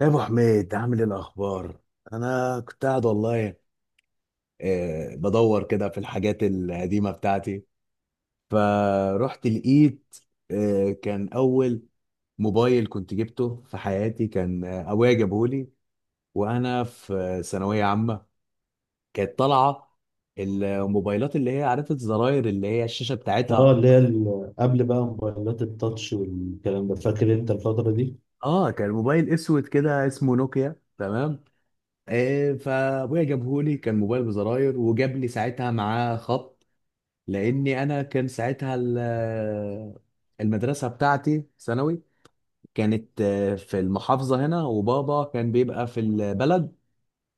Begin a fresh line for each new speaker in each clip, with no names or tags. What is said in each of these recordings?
يا ابو حميد، عامل ايه الاخبار؟ انا كنت قاعد والله. بدور كده في الحاجات القديمه بتاعتي. فرحت لقيت كان اول موبايل كنت جبته في حياتي، كان ابويا جابهولي وانا في ثانويه عامه. كانت طالعه الموبايلات اللي هي عرفت زراير، اللي هي الشاشه
اه،
بتاعتها.
اللي هي قبل بقى موبايلات التاتش والكلام ده. فاكر انت الفترة دي؟
اه، كان موبايل اسود كده اسمه نوكيا. تمام. فابويا جابهولي، كان موبايل بزراير وجاب لي ساعتها معاه خط، لاني انا كان ساعتها المدرسه بتاعتي ثانوي. كانت في المحافظه هنا، وبابا كان بيبقى في البلد،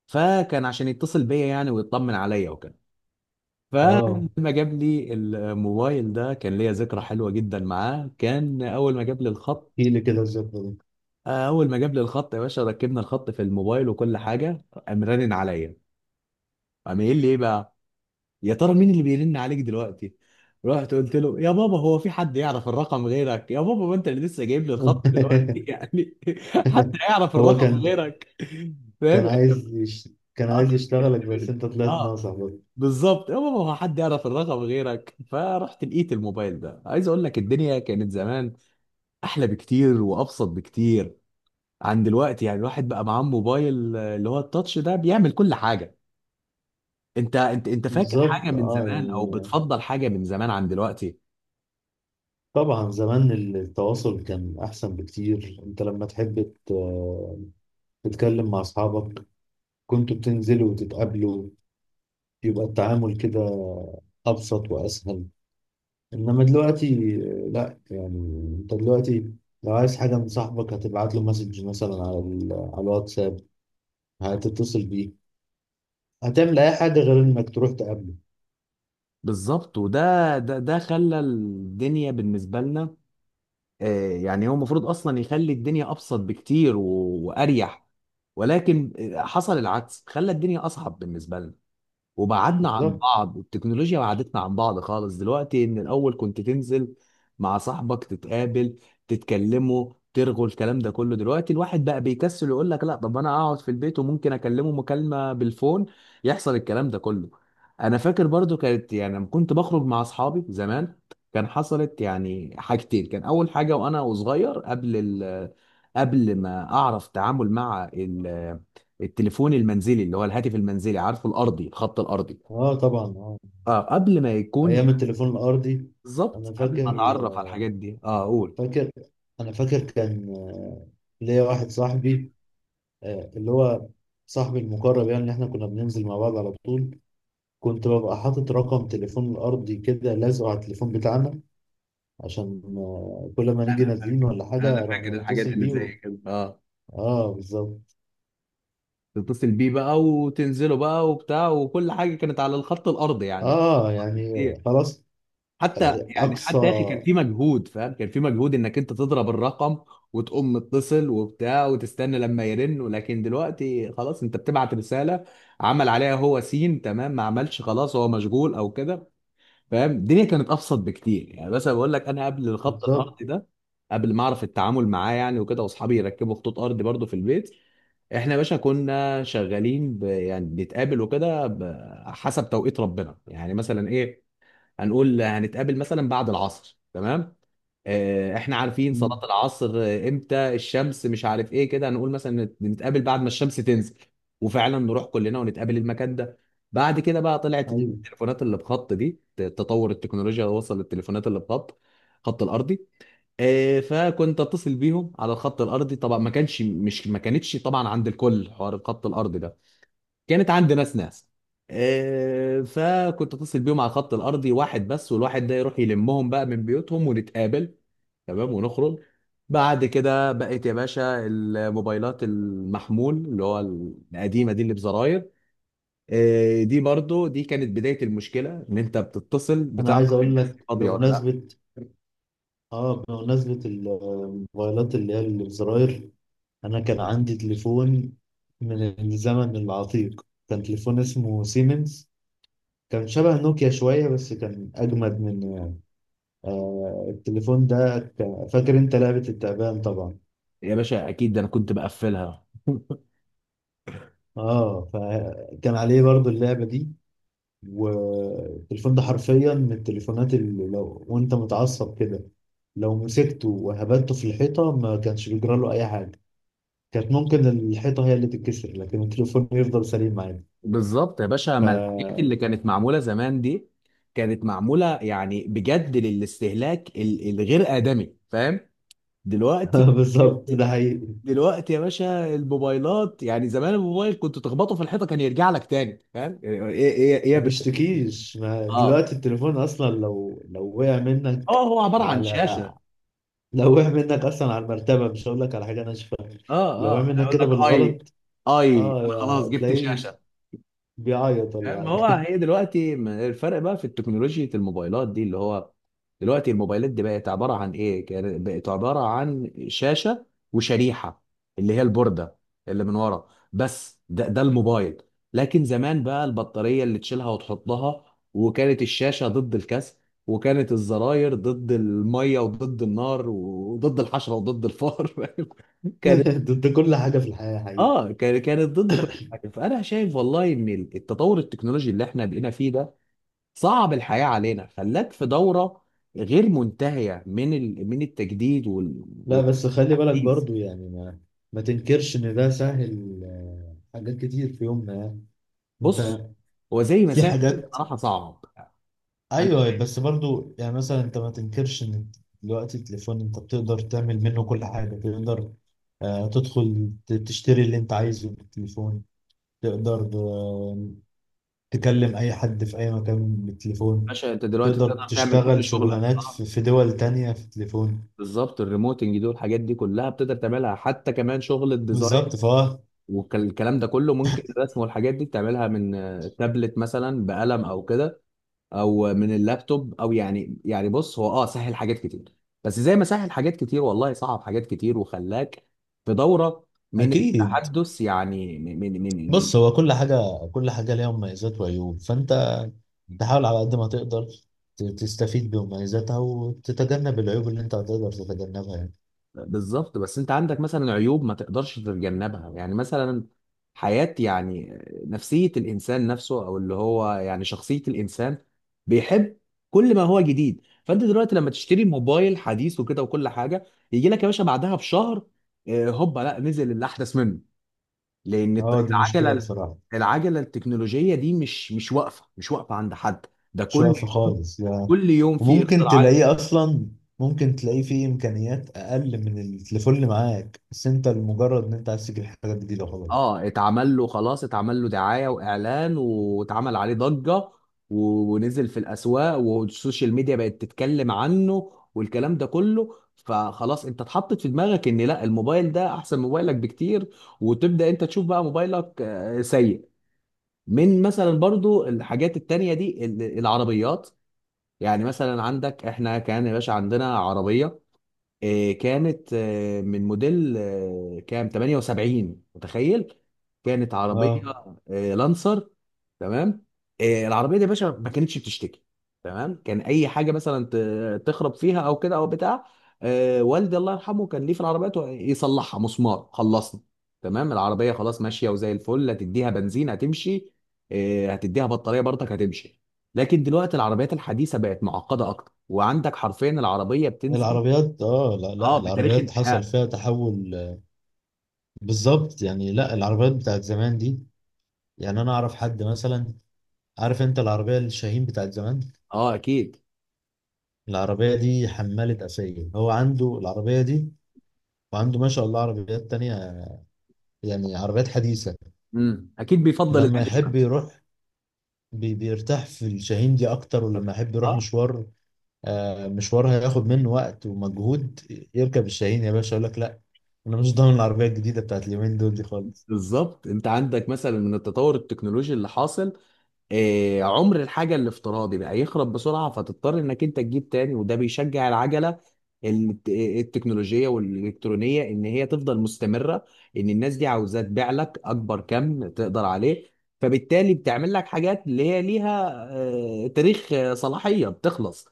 فكان عشان يتصل بيا يعني ويطمن عليا وكده.
اه،
فلما جاب لي الموبايل ده كان ليا ذكرى حلوه جدا معاه. كان اول ما جاب لي الخط،
احكي لي كده الذكرى دي.
اول ما جاب لي الخط يا باشا، ركبنا الخط في الموبايل وكل حاجه، قام رنن عليا. قام قايل لي ايه بقى؟ يا ترى مين اللي بيرن عليك دلوقتي؟ رحت قلت له: يا بابا، هو في حد يعرف الرقم غيرك؟ يا بابا ما انت اللي لسه جايب لي الخط دلوقتي يعني. حد يعرف
هو
الرقم
كان
غيرك. فاهم
كان
يعني؟
عايز يش... كان عايز يشتغلك، بس
اختبرني.
انت طلعت
اه،
ناصح برضه.
بالظبط يا بابا، هو حد يعرف الرقم غيرك؟ فرحت لقيت الموبايل ده. عايز اقول لك، الدنيا كانت زمان احلى بكتير وابسط بكتير عن دلوقتي. يعني الواحد بقى معاه موبايل اللي هو التاتش ده، بيعمل كل حاجة. انت فاكر حاجة
بالظبط.
من
اه،
زمان او
يعني
بتفضل حاجة من زمان عن دلوقتي؟
طبعا زمان التواصل كان احسن بكتير. انت لما تحب تتكلم مع اصحابك، كنتوا بتنزلوا وتتقابلوا، يبقى التعامل كده ابسط واسهل. انما دلوقتي لا، يعني انت دلوقتي لو عايز حاجه من صاحبك، هتبعت له مسج مثلا على على الواتساب، هتتصل بيه، هتعمل اي حاجه غير انك تروح تقابله.
بالظبط، وده ده ده خلى الدنيا بالنسبه لنا. يعني هو المفروض اصلا يخلي الدنيا ابسط بكتير واريح. ولكن حصل العكس، خلى الدنيا اصعب بالنسبه لنا. وبعدنا عن
بالظبط.
بعض، التكنولوجيا بعدتنا عن بعض خالص دلوقتي. ان الاول كنت تنزل مع صاحبك تتقابل، تتكلموا ترغوا الكلام ده كله. دلوقتي الواحد بقى بيكسل، يقول لك لا، طب انا اقعد في البيت وممكن اكلمه مكالمة بالفون، يحصل الكلام ده كله. انا فاكر برضو، كانت يعني لما كنت بخرج مع اصحابي زمان كان حصلت يعني حاجتين. كان اول حاجة وانا صغير، قبل قبل ما اعرف تعامل مع التليفون المنزلي، اللي هو الهاتف المنزلي، عارفه؟ الارضي، الخط الارضي.
اه، طبعا. اه،
اه، قبل ما يكون
ايام
يعني،
التليفون الارضي.
بالظبط،
انا
قبل
فاكر
ما اتعرف على الحاجات دي. اه، قول.
فاكر انا فاكر كان ليا واحد صاحبي، اللي هو صاحبي المقرب يعني، اللي احنا كنا بننزل مع بعض على طول. كنت ببقى حاطط رقم تليفون الارضي كده لازقه على التليفون بتاعنا، عشان كل ما نيجي
انا
نازلين
فاكر
ولا حاجة
انا
راح
فاكر الحاجات
نتصل
اللي
بيه و...
زي كده. اه،
اه، بالظبط.
تتصل بيه بقى وتنزله بقى وبتاع، وكل حاجه كانت على الخط الارضي يعني
اه، يعني
كتير.
خلاص.
حتى، يعني
اقصى.
حتى يا اخي، كان في مجهود، فاهم؟ كان في مجهود انك انت تضرب الرقم وتقوم متصل وبتاع وتستنى لما يرن. ولكن دلوقتي خلاص، انت بتبعت رسالة، عمل عليها هو سين، تمام. ما عملش، خلاص هو مشغول او كده. فاهم، الدنيا كانت ابسط بكتير يعني. بس أنا بقول لك، انا قبل الخط
بالظبط.
الارضي ده، قبل ما اعرف التعامل معاه يعني وكده، واصحابي يركبوا خطوط ارضي برضو في البيت، احنا يا باشا كنا شغالين يعني بنتقابل وكده حسب توقيت ربنا يعني. مثلا ايه؟ هنقول هنتقابل مثلا بعد العصر، تمام. احنا عارفين
مم.
صلاة العصر امتى، الشمس مش عارف ايه كده. هنقول مثلا نتقابل بعد ما الشمس تنزل، وفعلا نروح كلنا ونتقابل المكان ده. بعد كده بقى طلعت
ايوه،
التليفونات اللي بخط دي، تطور التكنولوجيا وصل للتليفونات اللي بخط، خط الارضي. فكنت اتصل بيهم على الخط الارضي. طبعا ما كانش مش ما كانتش طبعا عند الكل حوار الخط الارضي ده. كانت عند ناس ناس. فكنت اتصل بيهم على الخط الارضي واحد بس، والواحد ده يروح يلمهم بقى من بيوتهم ونتقابل، تمام، ونخرج. بعد كده بقت يا باشا الموبايلات المحمول، اللي هو القديمه دي اللي بزراير. دي برضو دي كانت بدايه المشكله، ان انت بتتصل
انا عايز
بتعرف
اقول
الناس دي
لك
فاضيه ولا لا.
بمناسبة الموبايلات اللي هي اللي بزراير، انا كان عندي تليفون من الزمن العتيق. كان تليفون اسمه سيمنز، كان شبه نوكيا شوية، بس كان أجمد من التليفون ده. فاكر أنت لعبة التعبان طبعا؟
يا باشا اكيد، ده انا كنت بقفلها
اه، فكان عليه برضو اللعبة دي. والتليفون ده حرفيا من التليفونات اللي لو وانت متعصب كده، لو مسكته وهبدته في الحيطة، ما كانش بيجرى له أي حاجة. كانت ممكن الحيطة هي اللي تتكسر، لكن التليفون يفضل سليم عادي.
بالظبط يا باشا، ما الحاجات
ف
اللي كانت معموله زمان دي كانت معموله يعني بجد، للاستهلاك الغير ادمي، فاهم؟ دلوقتي
بالظبط، ده حقيقي.
دلوقتي يا باشا الموبايلات، يعني زمان الموبايل كنت تخبطه في الحيطه كان يرجع لك تاني، فاهم؟ ايه ايه ايه يا
ما
برنس؟
بيشتكيش. ما
اه،
دلوقتي التليفون أصلا، لو وقع
اه،
منك
هو عباره عن
على
شاشه.
لو وقع منك أصلا على المرتبة، مش هقول لك على حاجة ناشفة. لو
اه،
وقع
اه،
منك
هيقول
كده
لك اي.
بالغلط،
اي،
اه،
انا خلاص جبت
تلاقيه
شاشه.
بيعيط ولا
ما هو
حاجة.
هي دلوقتي، الفرق بقى في التكنولوجيا، الموبايلات دي اللي هو دلوقتي الموبايلات دي بقت عبارة عن ايه؟ بقت عبارة عن شاشة وشريحة، اللي هي البوردة اللي من ورا، بس ده الموبايل. لكن زمان بقى البطارية اللي تشيلها وتحطها، وكانت الشاشة ضد الكسر، وكانت الزراير ضد المية وضد النار وضد الحشرة وضد الفار كان
ضد كل حاجة في الحياة، حقيقي.
كانت ضد كل حاجه. فانا شايف والله ان التطور التكنولوجي اللي احنا بقينا فيه ده صعب الحياه علينا، خلاك في دوره غير منتهيه من من التجديد
لا، بس خلي بالك
والتحديث.
برضو. يعني ما تنكرش إن ده سهل حاجات كتير في يومنا، يعني. أنت.
بص، هو زي ما
في
ساحل
حاجات.
بصراحه صعب، انا
أيوه،
شايف.
بس برضو يعني مثلا أنت ما تنكرش إن دلوقتي التليفون أنت بتقدر تعمل منه كل حاجة. تقدر تدخل تشتري اللي أنت عايزه بالتليفون، تقدر تكلم أي حد في أي مكان بالتليفون،
باشا انت دلوقتي
تقدر
تقدر تعمل
تشتغل
كل شغلك.
شغلانات
اه،
في دول تانية في التليفون.
بالظبط، الريموتنج دول الحاجات دي كلها بتقدر تعملها، حتى كمان شغل الديزاين
بالظبط، فهو...
والكلام ده كله. ممكن الرسم والحاجات دي تعملها من تابلت مثلا بقلم او كده، او من اللابتوب. او يعني بص هو، سهل حاجات كتير، بس زي ما سهل حاجات كتير، والله صعب حاجات كتير وخلاك في دورة من
اكيد.
التحدث يعني، من
بص، هو كل حاجه كل حاجه ليها مميزات وعيوب. فانت تحاول على قد ما تقدر تستفيد بمميزاتها وتتجنب العيوب اللي انت هتقدر تتجنبها يعني.
بالظبط. بس انت عندك مثلا عيوب ما تقدرش تتجنبها، يعني مثلا حياة يعني، نفسية الانسان نفسه، او اللي هو يعني شخصية الانسان، بيحب كل ما هو جديد. فانت دلوقتي لما تشتري موبايل حديث وكده وكل حاجة، يجي لك يا باشا بعدها بشهر هوبا، لا نزل اللي احدث منه. لان
اه، دي مشكله
العجله،
بصراحه.
العجله التكنولوجيه دي مش واقفه، مش واقفه عند حد. ده
مش
كل
واقفه
يوم،
خالص يعني.
كل يوم في
وممكن
اختراعات جديدة.
تلاقيه اصلا، ممكن تلاقيه فيه امكانيات اقل من التليفون اللي معاك، بس انت لمجرد ان انت عايز تجيب حاجه جديده، خلاص.
اه، اتعمل له خلاص، اتعمل له دعايه واعلان، واتعمل عليه ضجه، ونزل في الاسواق، والسوشيال ميديا بقت تتكلم عنه والكلام ده كله. فخلاص انت اتحطت في دماغك ان لا، الموبايل ده احسن من موبايلك بكتير، وتبدا انت تشوف بقى موبايلك سيء. من مثلا برضو، الحاجات التانية دي العربيات. يعني مثلا عندك، احنا كان يا باشا عندنا عربيه، كانت من موديل كام، 78 متخيل؟ كانت عربيه
اه،
لانسر، تمام. العربيه دي يا باشا ما كانتش بتشتكي، تمام. كان اي حاجه مثلا تخرب فيها او كده او بتاع، والدي الله يرحمه كان ليه في العربيات، يصلحها مسمار خلصنا، تمام. العربيه خلاص ماشيه وزي الفل. هتديها بنزين هتمشي، هتديها بطاريه برضك هتمشي. لكن دلوقتي العربيات الحديثه بقت معقده اكتر، وعندك حرفيا العربيه بتنزل
العربيات. اه لا
اه
لا،
بتاريخ
العربيات حصل
انتهاء.
فيها تحول بالظبط. يعني لا، العربيات بتاعت زمان دي، يعني انا اعرف حد مثلا. عارف انت العربيه الشاهين بتاعت زمان؟
اه اكيد.
العربيه دي حماله اسايل. هو عنده العربيه دي، وعنده ما شاء الله عربيات تانية، يعني عربيات حديثه.
امم، اكيد بيفضل
لما
القديم.
يحب يروح بيرتاح في الشاهين دي اكتر، ولما يحب يروح
اه،
مشوار، مشوار هياخد منه وقت ومجهود، يركب الشاهين يا باشا، يقول لك لا، انا مش ضامن العربيه الجديده بتاعت اليومين دول دي خالص.
بالظبط، انت عندك مثلا من التطور التكنولوجي اللي حاصل، عمر الحاجة الافتراضي بقى يخرب بسرعة، فتضطر انك انت تجيب تاني، وده بيشجع العجلة التكنولوجية والإلكترونية ان هي تفضل مستمرة. ان الناس دي عاوزة تبيع لك اكبر كم تقدر عليه. فبالتالي بتعمل لك حاجات اللي هي ليها تاريخ صلاحية بتخلص.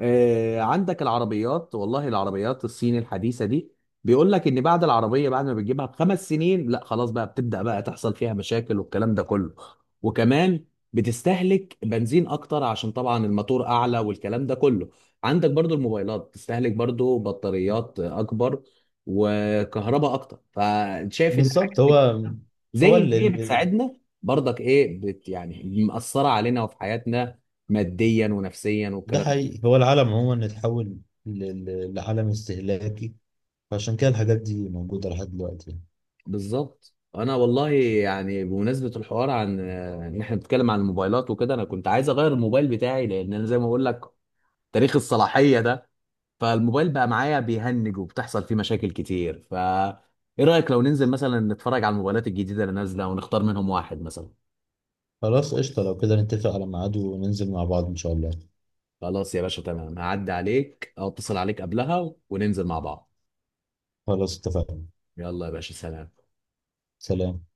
عندك العربيات، والله العربيات الصين الحديثة دي بيقول لك ان بعد العربية، بعد ما بتجيبها بـ5 سنين لا خلاص بقى، بتبدأ بقى تحصل فيها مشاكل والكلام ده كله. وكمان بتستهلك بنزين اكتر، عشان طبعا الماتور اعلى والكلام ده كله. عندك برضو الموبايلات بتستهلك برضو بطاريات اكبر وكهرباء اكتر، فشايف ان الحاجات
بالظبط.
دي
هو
كلها
هو
زي ان
ال...
هي
ال- ال-
بتساعدنا، برضك ايه، يعني مأثرة علينا وفي حياتنا ماديا ونفسيا
ده
والكلام.
حقيقي. هو العالم عموما اتحول لعالم استهلاكي، فعشان كده الحاجات دي موجودة لحد دلوقتي يعني.
بالظبط. انا والله يعني بمناسبه الحوار عن ان احنا بنتكلم عن الموبايلات وكده، انا كنت عايز اغير الموبايل بتاعي، لان انا زي ما بقول لك تاريخ الصلاحيه ده، فالموبايل بقى معايا بيهنج وبتحصل فيه مشاكل كتير. ايه رايك لو ننزل مثلا نتفرج على الموبايلات الجديده اللي نازله ونختار منهم واحد مثلا؟
خلاص، قشطة. لو كده نتفق على ميعاد وننزل مع بعض إن شاء الله.
خلاص يا باشا تمام، هعدي عليك او اتصل عليك قبلها وننزل مع بعض.
خلاص اتفقنا.
يلا يا باشا، سلام.
سلام.